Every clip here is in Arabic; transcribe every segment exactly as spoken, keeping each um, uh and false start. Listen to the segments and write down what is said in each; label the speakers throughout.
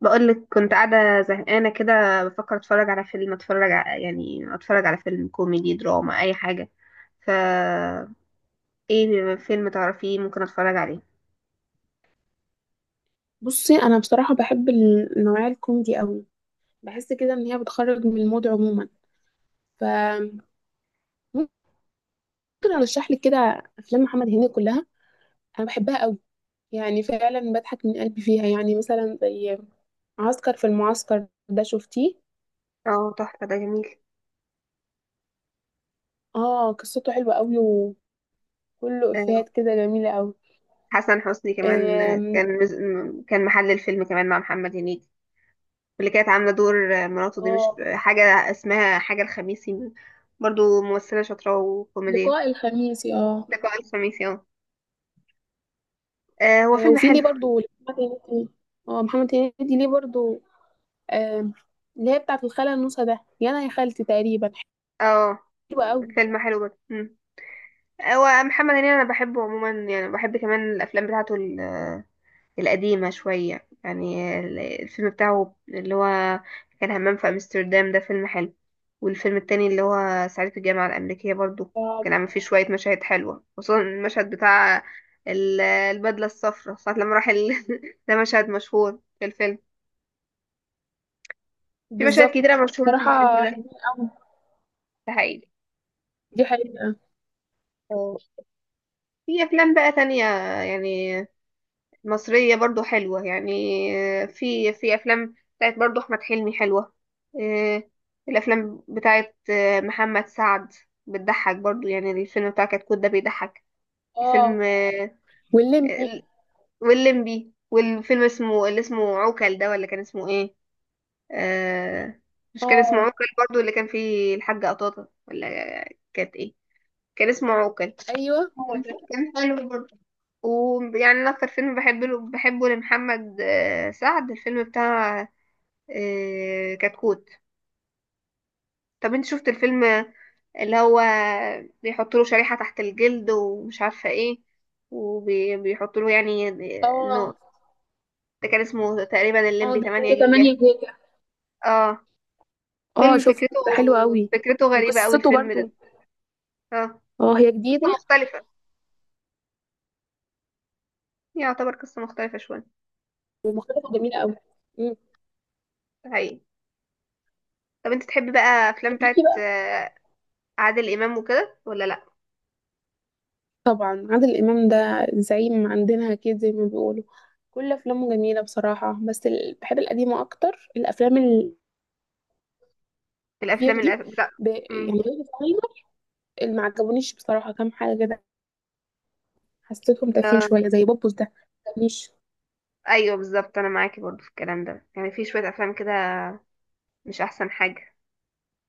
Speaker 1: بقولك كنت قاعدة زهقانة كده بفكر اتفرج على فيلم اتفرج على يعني اتفرج على فيلم كوميدي دراما اي حاجة. فا ايه فيلم تعرفيه ممكن اتفرج عليه؟
Speaker 2: بصي، انا بصراحه بحب النوعيه الكوميدي قوي. بحس كده ان هي بتخرج من المود عموما. فممكن ارشح لك كده افلام محمد هنيدي كلها، انا بحبها قوي، يعني فعلا بضحك من قلبي فيها، يعني مثلا زي عسكر في المعسكر ده، شفتيه؟
Speaker 1: اه، تحفة، ده جميل.
Speaker 2: اه، قصته حلوه قوي، وكله
Speaker 1: آه،
Speaker 2: افيهات كده جميله قوي.
Speaker 1: حسن حسني كمان،
Speaker 2: آم،
Speaker 1: آه، كان مز... م- كان محل الفيلم كمان مع محمد هنيدي. واللي كانت عاملة دور آه، مراته دي مش
Speaker 2: اه،
Speaker 1: حاجة اسمها حاجة الخميسي؟ برضو ممثلة شاطرة وكوميدية.
Speaker 2: لقاء الخميس، اه.
Speaker 1: لقاء الخميسي، اه. آه، هو
Speaker 2: آه،
Speaker 1: فيلم
Speaker 2: وفي
Speaker 1: حلو.
Speaker 2: ليه برضو محمد هنيدي، اه محمد هنيدي ليه برضو. آم، اللي هي بتاعة الخالة النوسة ده، يا أنا يا خالتي تقريبا،
Speaker 1: اه،
Speaker 2: حلوة أوي.
Speaker 1: فيلم حلو جدا. هو محمد هنيدي انا بحبه عموما، يعني بحب كمان الافلام بتاعته ال- القديمه شويه. يعني ال- الفيلم بتاعه اللي هو كان همام في امستردام ده فيلم حلو. والفيلم التاني اللي هو صعيدي في الجامعه الامريكيه برضو كان
Speaker 2: آه،
Speaker 1: عامل فيه شويه مشاهد حلوه، خصوصا المشهد بتاع ال- البدله الصفراء ساعه لما راح ال... ده مشهد مشهور في الفيلم. في مشاهد
Speaker 2: بالظبط.
Speaker 1: كتيره مشهوره في الفيلم
Speaker 2: صراحة
Speaker 1: ده.
Speaker 2: حلوين أوي.
Speaker 1: ده حقيقي.
Speaker 2: دي حقيقة.
Speaker 1: أه. في افلام بقى تانية يعني مصرية برضو حلوة يعني. آه، في في أفلام بتاعت برضو أحمد حلمي حلوة. آه، الأفلام بتاعت آه، محمد سعد بتضحك برضو. يعني الفيلم بتاع كتكوت ده بيضحك.
Speaker 2: اه،
Speaker 1: الفيلم آه،
Speaker 2: واللمبي.
Speaker 1: ال- واللمبي، والفيلم اسمه اللي اسمه عوكل ده، ولا كان اسمه ايه؟ آه، مش كان اسمه
Speaker 2: اه،
Speaker 1: عوكل برضو اللي كان فيه الحاجة قطاطة، ولا كانت ايه؟ كان اسمه عوكل.
Speaker 2: أيوه هو
Speaker 1: كان
Speaker 2: ده.
Speaker 1: كان حلو برضو. ويعني انا اكتر فيلم بحبه له، بحبه لمحمد آه، سعد الفيلم بتاع آه، كتكوت. طب انت شفت الفيلم اللي هو بيحط له شريحة تحت الجلد ومش عارفة ايه، وبيحط له يعني آه، انه
Speaker 2: اه،
Speaker 1: ده كان اسمه تقريبا
Speaker 2: اه،
Speaker 1: الليمبي
Speaker 2: ده
Speaker 1: تمانية
Speaker 2: حاجة
Speaker 1: جيجا؟
Speaker 2: تمانية جيجا.
Speaker 1: اه،
Speaker 2: اه،
Speaker 1: فيلم
Speaker 2: شفته
Speaker 1: فكرته
Speaker 2: ده حلو أوي،
Speaker 1: فكرته غريبة قوي
Speaker 2: وقصته
Speaker 1: الفيلم
Speaker 2: برضو.
Speaker 1: ده. اه،
Speaker 2: اه، هي جديدة،
Speaker 1: قصة مختلفة، يعتبر قصة مختلفة شوية.
Speaker 2: ومقالته جميلة أوي. مم.
Speaker 1: ده حقيقي. طب انت تحبي بقى افلام
Speaker 2: طب ليكي
Speaker 1: بتاعت
Speaker 2: بقى،
Speaker 1: آه، عادل امام وكده ولا لا؟
Speaker 2: طبعا عادل إمام ده زعيم عندنا كده زي ما بيقولوا. كل أفلامه جميلة بصراحة، بس ال- بحب القديمة أكتر الأفلام، بير
Speaker 1: الافلام الأف...
Speaker 2: دي
Speaker 1: بتاع
Speaker 2: ب...
Speaker 1: مم.
Speaker 2: يعني غير الصغير اللي ما عجبونيش بصراحة، كام حاجة كده حسيتهم تافهين شوية
Speaker 1: آم،
Speaker 2: زي بوبوس ده، ما عجبنيش.
Speaker 1: ايوه بالظبط، انا معاكي برضو في الكلام ده. يعني في شويه افلام كده مش احسن حاجه،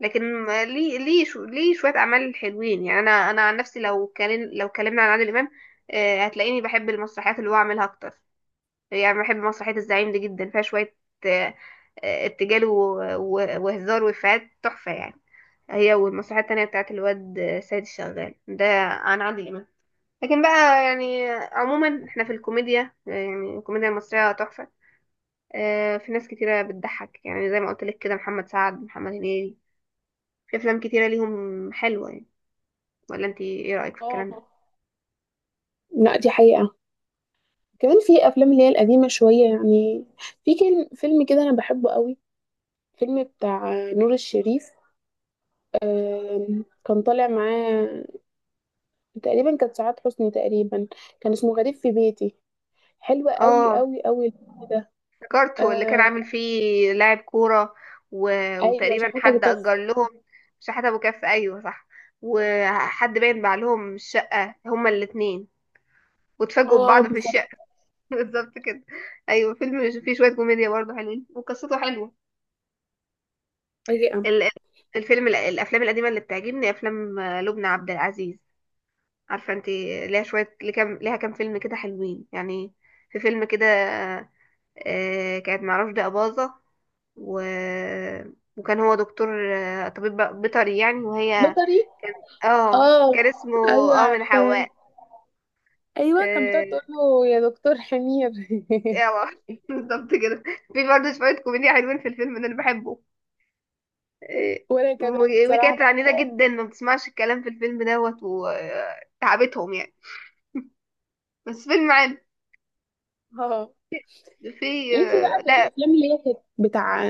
Speaker 1: لكن ما- ليه ليه شو... ليه شويه اعمال حلوين. يعني انا انا عن نفسي لو كلم... لو كلمنا عن عادل امام، آه، هتلاقيني بحب المسرحيات اللي هو عاملها اكتر. يعني بحب مسرحيه الزعيم دي جدا، فيها شويه آه، آه، ارتجال و... و... وهزار وافيهات تحفه يعني. هي والمسرحيه التانية بتاعت الواد آه، سيد الشغال ده عن عادل امام. لكن بقى يعني عموما احنا في الكوميديا، يعني الكوميديا المصرية تحفة. آه، في ناس كتيرة بتضحك، يعني زي ما قلت لك كده محمد سعد، محمد هنيدي، في افلام كتيرة ليهم حلوة يعني. ولا انت ايه رأيك في الكلام ده؟
Speaker 2: اه، لا دي حقيقة. كمان في أفلام اللي هي القديمة شوية يعني، في كل- فيلم كده أنا بحبه قوي، فيلم بتاع نور الشريف. آم، كان طالع معاه تقريبا كانت سعاد حسني تقريبا، كان اسمه غريب في بيتي، حلو قوي
Speaker 1: اه،
Speaker 2: قوي قوي الفيلم ده.
Speaker 1: افتكرته اللي كان
Speaker 2: آه،
Speaker 1: عامل فيه لاعب كورة، و...
Speaker 2: ايوه،
Speaker 1: وتقريبا
Speaker 2: شحاتة ابو
Speaker 1: حد
Speaker 2: كف.
Speaker 1: أجر لهم. شحات أبو كف، أيوه صح. وحد باين باع لهم الشقة هما الاتنين، واتفاجئوا
Speaker 2: اه
Speaker 1: ببعض في
Speaker 2: بالظبط.
Speaker 1: الشقة. بالظبط كده. أيوه، فيلم فيه شوية كوميديا برضه حلوين وقصته حلوة.
Speaker 2: حقيقة.
Speaker 1: ال- الفيلم، الافلام القديمه اللي بتعجبني افلام لبنى عبد العزيز. عارفه انت ليها شويه، ليه كام ليها كام فيلم كده حلوين يعني. في فيلم كده آه، كانت مع رشدي اباظه، و... وكان هو دكتور آه، طبيب بيطري يعني، وهي
Speaker 2: بيطري.
Speaker 1: كان، اه
Speaker 2: اه،
Speaker 1: كان اسمه،
Speaker 2: ايوه
Speaker 1: اه من
Speaker 2: عارفاه.
Speaker 1: حواء.
Speaker 2: ايوه كان بتقعد
Speaker 1: آه،
Speaker 2: تقول له يا دكتور حمير
Speaker 1: يلا بالظبط كده. في برضه شويه كوميديا حلوين في الفيلم ده، انا بحبه. إيه،
Speaker 2: وانا كمان
Speaker 1: و-
Speaker 2: بصراحه
Speaker 1: وكانت عنيدة
Speaker 2: بحبه أوي.
Speaker 1: جدا، ما بتسمعش الكلام في الفيلم دوت وتعبتهم يعني. بس فيلم عام.
Speaker 2: اه
Speaker 1: في
Speaker 2: ليكي
Speaker 1: آه،
Speaker 2: بقى في
Speaker 1: لا.
Speaker 2: الافلام اللي هي كانت بتاع،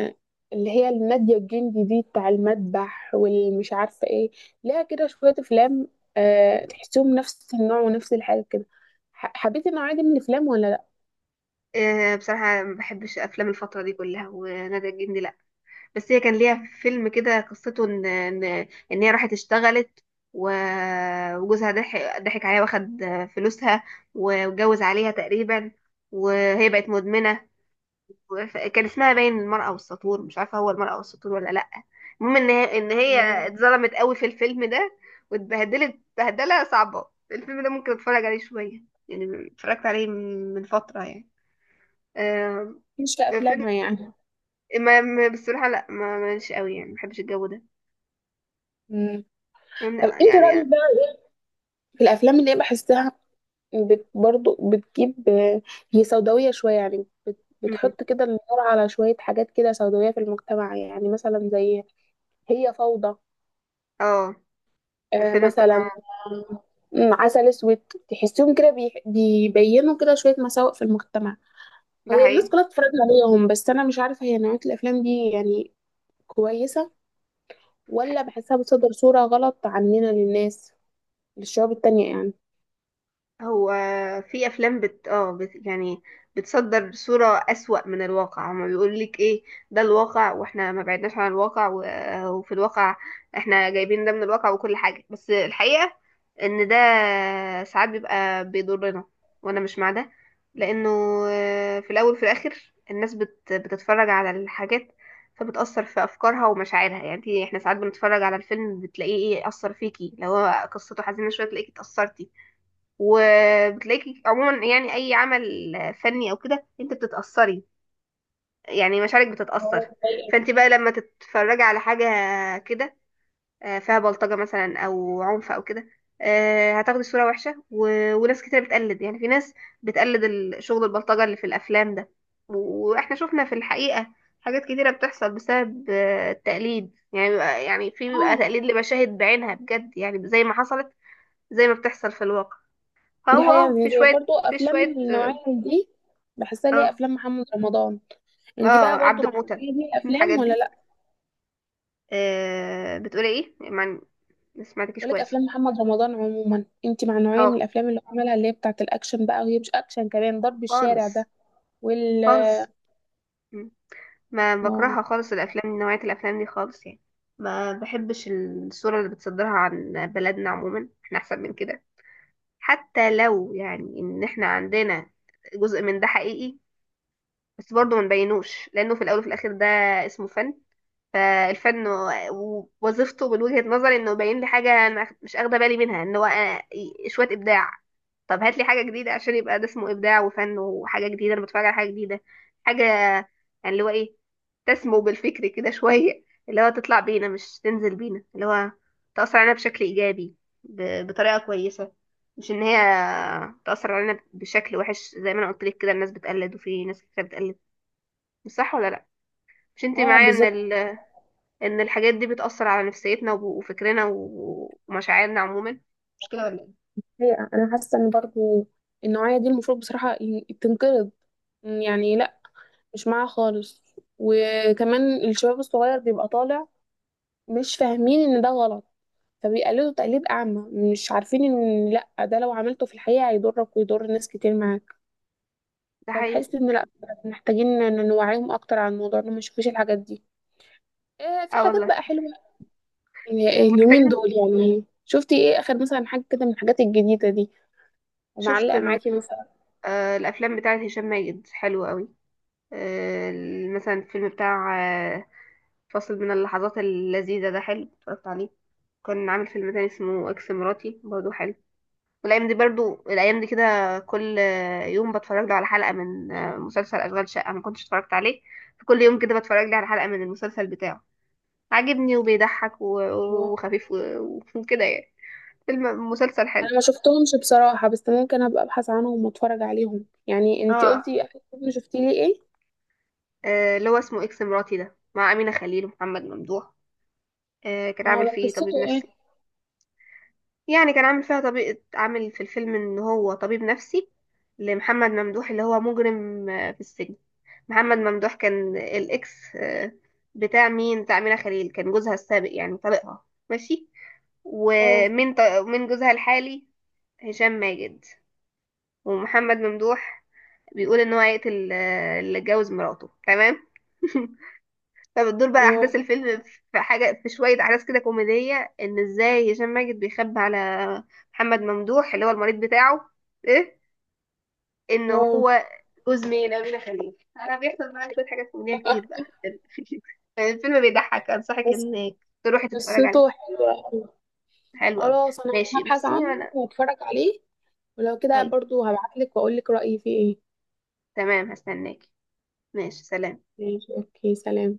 Speaker 2: اللي هي النادية الجندي دي، بتاع المذبح والمش عارفه ايه، ليها كده شويه افلام، أه تحسهم نفس النوع ونفس الحاجه كده. ح- حبيتي النوعيه دي من الافلام ولا لا؟
Speaker 1: آه، بصراحة ما بحبش أفلام الفترة دي كلها ونادية الجندي لا. بس هي كان ليها فيلم كده قصته إن إن إن هي راحت اشتغلت، و- وجوزها ضحك ضحك عليها، واخد فلوسها، واتجوز عليها تقريبا، وهي بقت مدمنة. وف- كان اسمها باين المرأة والسطور، مش عارفة هو المرأة والسطور ولا لأ. المهم ان هي ان هي اتظلمت قوي في الفيلم ده، واتبهدلت بهدلة صعبة. الفيلم ده ممكن اتفرج عليه شوية، يعني اتفرجت عليه من من فترة يعني. آم،
Speaker 2: مش في
Speaker 1: فيلم،
Speaker 2: افلامها يعني.
Speaker 1: ما ما- بصراحة لا، ما ماليش قوي يعني، ما بحبش الجو ده.
Speaker 2: مم. طب
Speaker 1: لا،
Speaker 2: انت
Speaker 1: يعني
Speaker 2: رايك
Speaker 1: يعني
Speaker 2: بقى في الافلام اللي هي بحسها بت برضو بتجيب، هي سوداوية شوية يعني، بت
Speaker 1: مم.
Speaker 2: بتحط كده النور على شوية حاجات كده سوداوية في المجتمع، يعني مثلا زي هي فوضى،
Speaker 1: اه،
Speaker 2: آه،
Speaker 1: الفيلم بتاع،
Speaker 2: مثلا، آه، م، عسل اسود، تحسيهم كده بي- بيبينوا كده شوية مساوئ في المجتمع.
Speaker 1: ده
Speaker 2: هي الناس
Speaker 1: حقيقي.
Speaker 2: كلها بتتفرج عليهم، بس أنا مش عارفة هي نوعية الأفلام دي يعني كويسة، ولا بحسها بتصدر صورة غلط عننا للناس، للشعوب التانية يعني.
Speaker 1: هو في افلام بت اه بت... يعني بتصدر صورة اسوأ من الواقع. هما بيقول لك ايه؟ ده الواقع، واحنا ما بعدناش عن الواقع و... وفي الواقع احنا جايبين ده من الواقع وكل حاجة. بس الحقيقة ان ده ساعات بيبقى بيضرنا، وانا مش مع ده. لانه آه، في الاول وفي الاخر الناس بت... بتتفرج على الحاجات، فبتأثر في أفكارها ومشاعرها. يعني احنا ساعات بنتفرج على الفيلم، بتلاقيه ايه أثر فيكي. لو هو قصته حزينة شوية، تلاقيكي اتأثرتي. وبتلاقيكي عموما يعني اي عمل فني او كده انت بتتاثري، يعني مشاعرك بتتاثر. فانت بقى لما تتفرجي على حاجه كده آه، فيها بلطجه مثلا او عنف او كده، آه، هتاخدي صوره وحشه. و... وناس كتير بتقلد. يعني في ناس بتقلد ال- شغل البلطجه اللي في الافلام ده. و- واحنا شفنا في الحقيقه حاجات كتيره بتحصل بسبب آه، التقليد. يعني بيبقى- يعني في بيبقى
Speaker 2: اه
Speaker 1: تقليد لمشاهد بعينها بجد، يعني زي ما حصلت، زي ما بتحصل في الواقع.
Speaker 2: دي
Speaker 1: اه
Speaker 2: حقيقة،
Speaker 1: اه، في
Speaker 2: يعني زي
Speaker 1: شوية،
Speaker 2: برضو
Speaker 1: في
Speaker 2: أفلام من
Speaker 1: شوية
Speaker 2: النوعية دي، بحسها ليها
Speaker 1: اه
Speaker 2: أفلام محمد رمضان. انت
Speaker 1: اه،
Speaker 2: بقى برضو
Speaker 1: عبد
Speaker 2: مع
Speaker 1: موتة
Speaker 2: النوعية دي من الأفلام
Speaker 1: الحاجات
Speaker 2: ولا
Speaker 1: دي.
Speaker 2: لأ؟
Speaker 1: آه بتقولي ايه؟ ما ما سمعتكيش
Speaker 2: ولك
Speaker 1: كويس.
Speaker 2: أفلام محمد رمضان عموما، انت مع نوعية من
Speaker 1: اه،
Speaker 2: الأفلام اللي هو عملها اللي هي بتاعة الأكشن بقى، وهي مش أكشن، كمان ضرب الشارع
Speaker 1: خالص.
Speaker 2: ده وال
Speaker 1: خالص م. ما
Speaker 2: اه.
Speaker 1: بكرهها خالص الافلام، نوعية الافلام دي خالص يعني. ما بحبش الصورة اللي بتصدرها عن بلدنا، عموما احنا احسن من كده. حتى لو يعني ان احنا عندنا جزء من ده حقيقي، بس برضه ما نبينوش، لانه في الاول وفي الاخر ده اسمه فن. فالفن و- ووظيفته من وجهة نظري انه يبين لي حاجة انا مش مش اخده بالي منها، ان هو أنا- شوية ابداع. طب هات لي حاجة جديدة عشان يبقى ده اسمه ابداع وفن وحاجة جديدة، انا بتفرج على حاجة جديدة، حاجة يعني اللي هو ايه، تسمو بالفكر كده شوية. اللي هو تطلع بينا مش تنزل بينا. اللي هو تأثر علينا بشكل إيجابي، ب- بطريقة كويسة، مش إن هي تأثر علينا بشكل وحش. زي ما أنا قلت لك كده الناس بتقلد، وفي ناس كتير بتقلد. مش صح ولا لأ؟ مش أنت
Speaker 2: آه،
Speaker 1: معايا
Speaker 2: بالظبط.
Speaker 1: إن ان الحاجات دي بتأثر على نفسيتنا وب- وفكرنا و- ومشاعرنا عموما؟ مش كده ولا ايه؟
Speaker 2: هي أنا حاسة إن برضو النوعية دي المفروض بصراحة ي- تنقرض، يعني لأ، مش معاها خالص. وكمان الشباب الصغير بيبقى طالع مش فاهمين إن ده غلط، فبيقلدوا تقليد أعمى، مش عارفين إن لأ، ده لو عملته في الحقيقة هيضرك ويضر ناس كتير معاك.
Speaker 1: ده حقيقي.
Speaker 2: فبحس إن لأ، محتاجين إن نوعيهم أكتر عن الموضوع، إنهم ما يشوفوش الحاجات دي. آه في
Speaker 1: اه
Speaker 2: حاجات
Speaker 1: والله،
Speaker 2: بقى حلوة ال- اليومين
Speaker 1: ومحتاجين.
Speaker 2: دول، يعني شفتي إيه آخر مثلا حاجة كده من الحاجات الجديدة دي،
Speaker 1: شفت
Speaker 2: ومعلقة
Speaker 1: م-
Speaker 2: معاكي مثلا؟
Speaker 1: آه، الافلام بتاعت هشام ماجد حلوة قوي. آه، ال- مثلا الفيلم بتاع آه، فاصل من اللحظات اللذيذة ده حلو، اتفرجت عليه. كان عامل فيلم تاني اسمه اكس مراتي برضه حلو. والايام دي برضو، الايام دي كده كل آه، يوم بتفرج له على حلقة من آه، مسلسل اشغال شقة، ما كنتش اتفرجت عليه. فكل يوم كده بتفرج لي على حلقة من المسلسل بتاعه، عاجبني وبيضحك و- وخفيف و- وكده يعني. فيلم مسلسل حلو.
Speaker 2: أنا ما شفتهمش بصراحة، بس ممكن أبقى أبحث عنهم وأتفرج عليهم. يعني أنتي
Speaker 1: اه،
Speaker 2: قلتي آخر فيلم شفتي لي إيه؟
Speaker 1: آه، اللي هو اسمه اكس مراتي ده، مع أمينة خليل ومحمد ممدوح. آه، كان
Speaker 2: اه
Speaker 1: عامل
Speaker 2: ده
Speaker 1: فيه
Speaker 2: قصته
Speaker 1: طبيب
Speaker 2: إيه؟
Speaker 1: نفسي. يعني كان عامل فيها طبيب، عامل في الفيلم ان هو طبيب نفسي لمحمد ممدوح اللي هو مجرم آه، في السجن. محمد ممدوح كان الاكس آه، بتاع مين؟ بتاع أمينة خليل، كان جوزها السابق يعني طليقها. ماشي.
Speaker 2: اه،
Speaker 1: ومن ط... من جوزها الحالي هشام ماجد، ومحمد ممدوح بيقول ان هو هيقتل آه، اللي اتجوز مراته. تمام. فبتدور بقى
Speaker 2: اه،
Speaker 1: احداث الفيلم. في حاجه، في شويه احداث كده كوميديه ان ازاي هشام ماجد بيخبي على محمد ممدوح اللي هو المريض بتاعه ايه، ان
Speaker 2: اه،
Speaker 1: هو جوز مين، امينه خليل. انا بيحصل معايا شويه حاجات كوميديه كتير بقى في الفيلم. الفيلم بيضحك، انصحك
Speaker 2: بس
Speaker 1: انك تروحي تتفرج
Speaker 2: قصته
Speaker 1: عليه.
Speaker 2: حلوة،
Speaker 1: حلو قوي.
Speaker 2: خلاص انا
Speaker 1: ماشي
Speaker 2: هبحث
Speaker 1: بصي
Speaker 2: عنه
Speaker 1: انا.
Speaker 2: واتفرج عليه، ولو كده
Speaker 1: طيب
Speaker 2: برضو هبعتلك واقولك رأيي فيه ايه.
Speaker 1: تمام، هستناكي. ماشي سلام.
Speaker 2: ماشي اوكي سلام.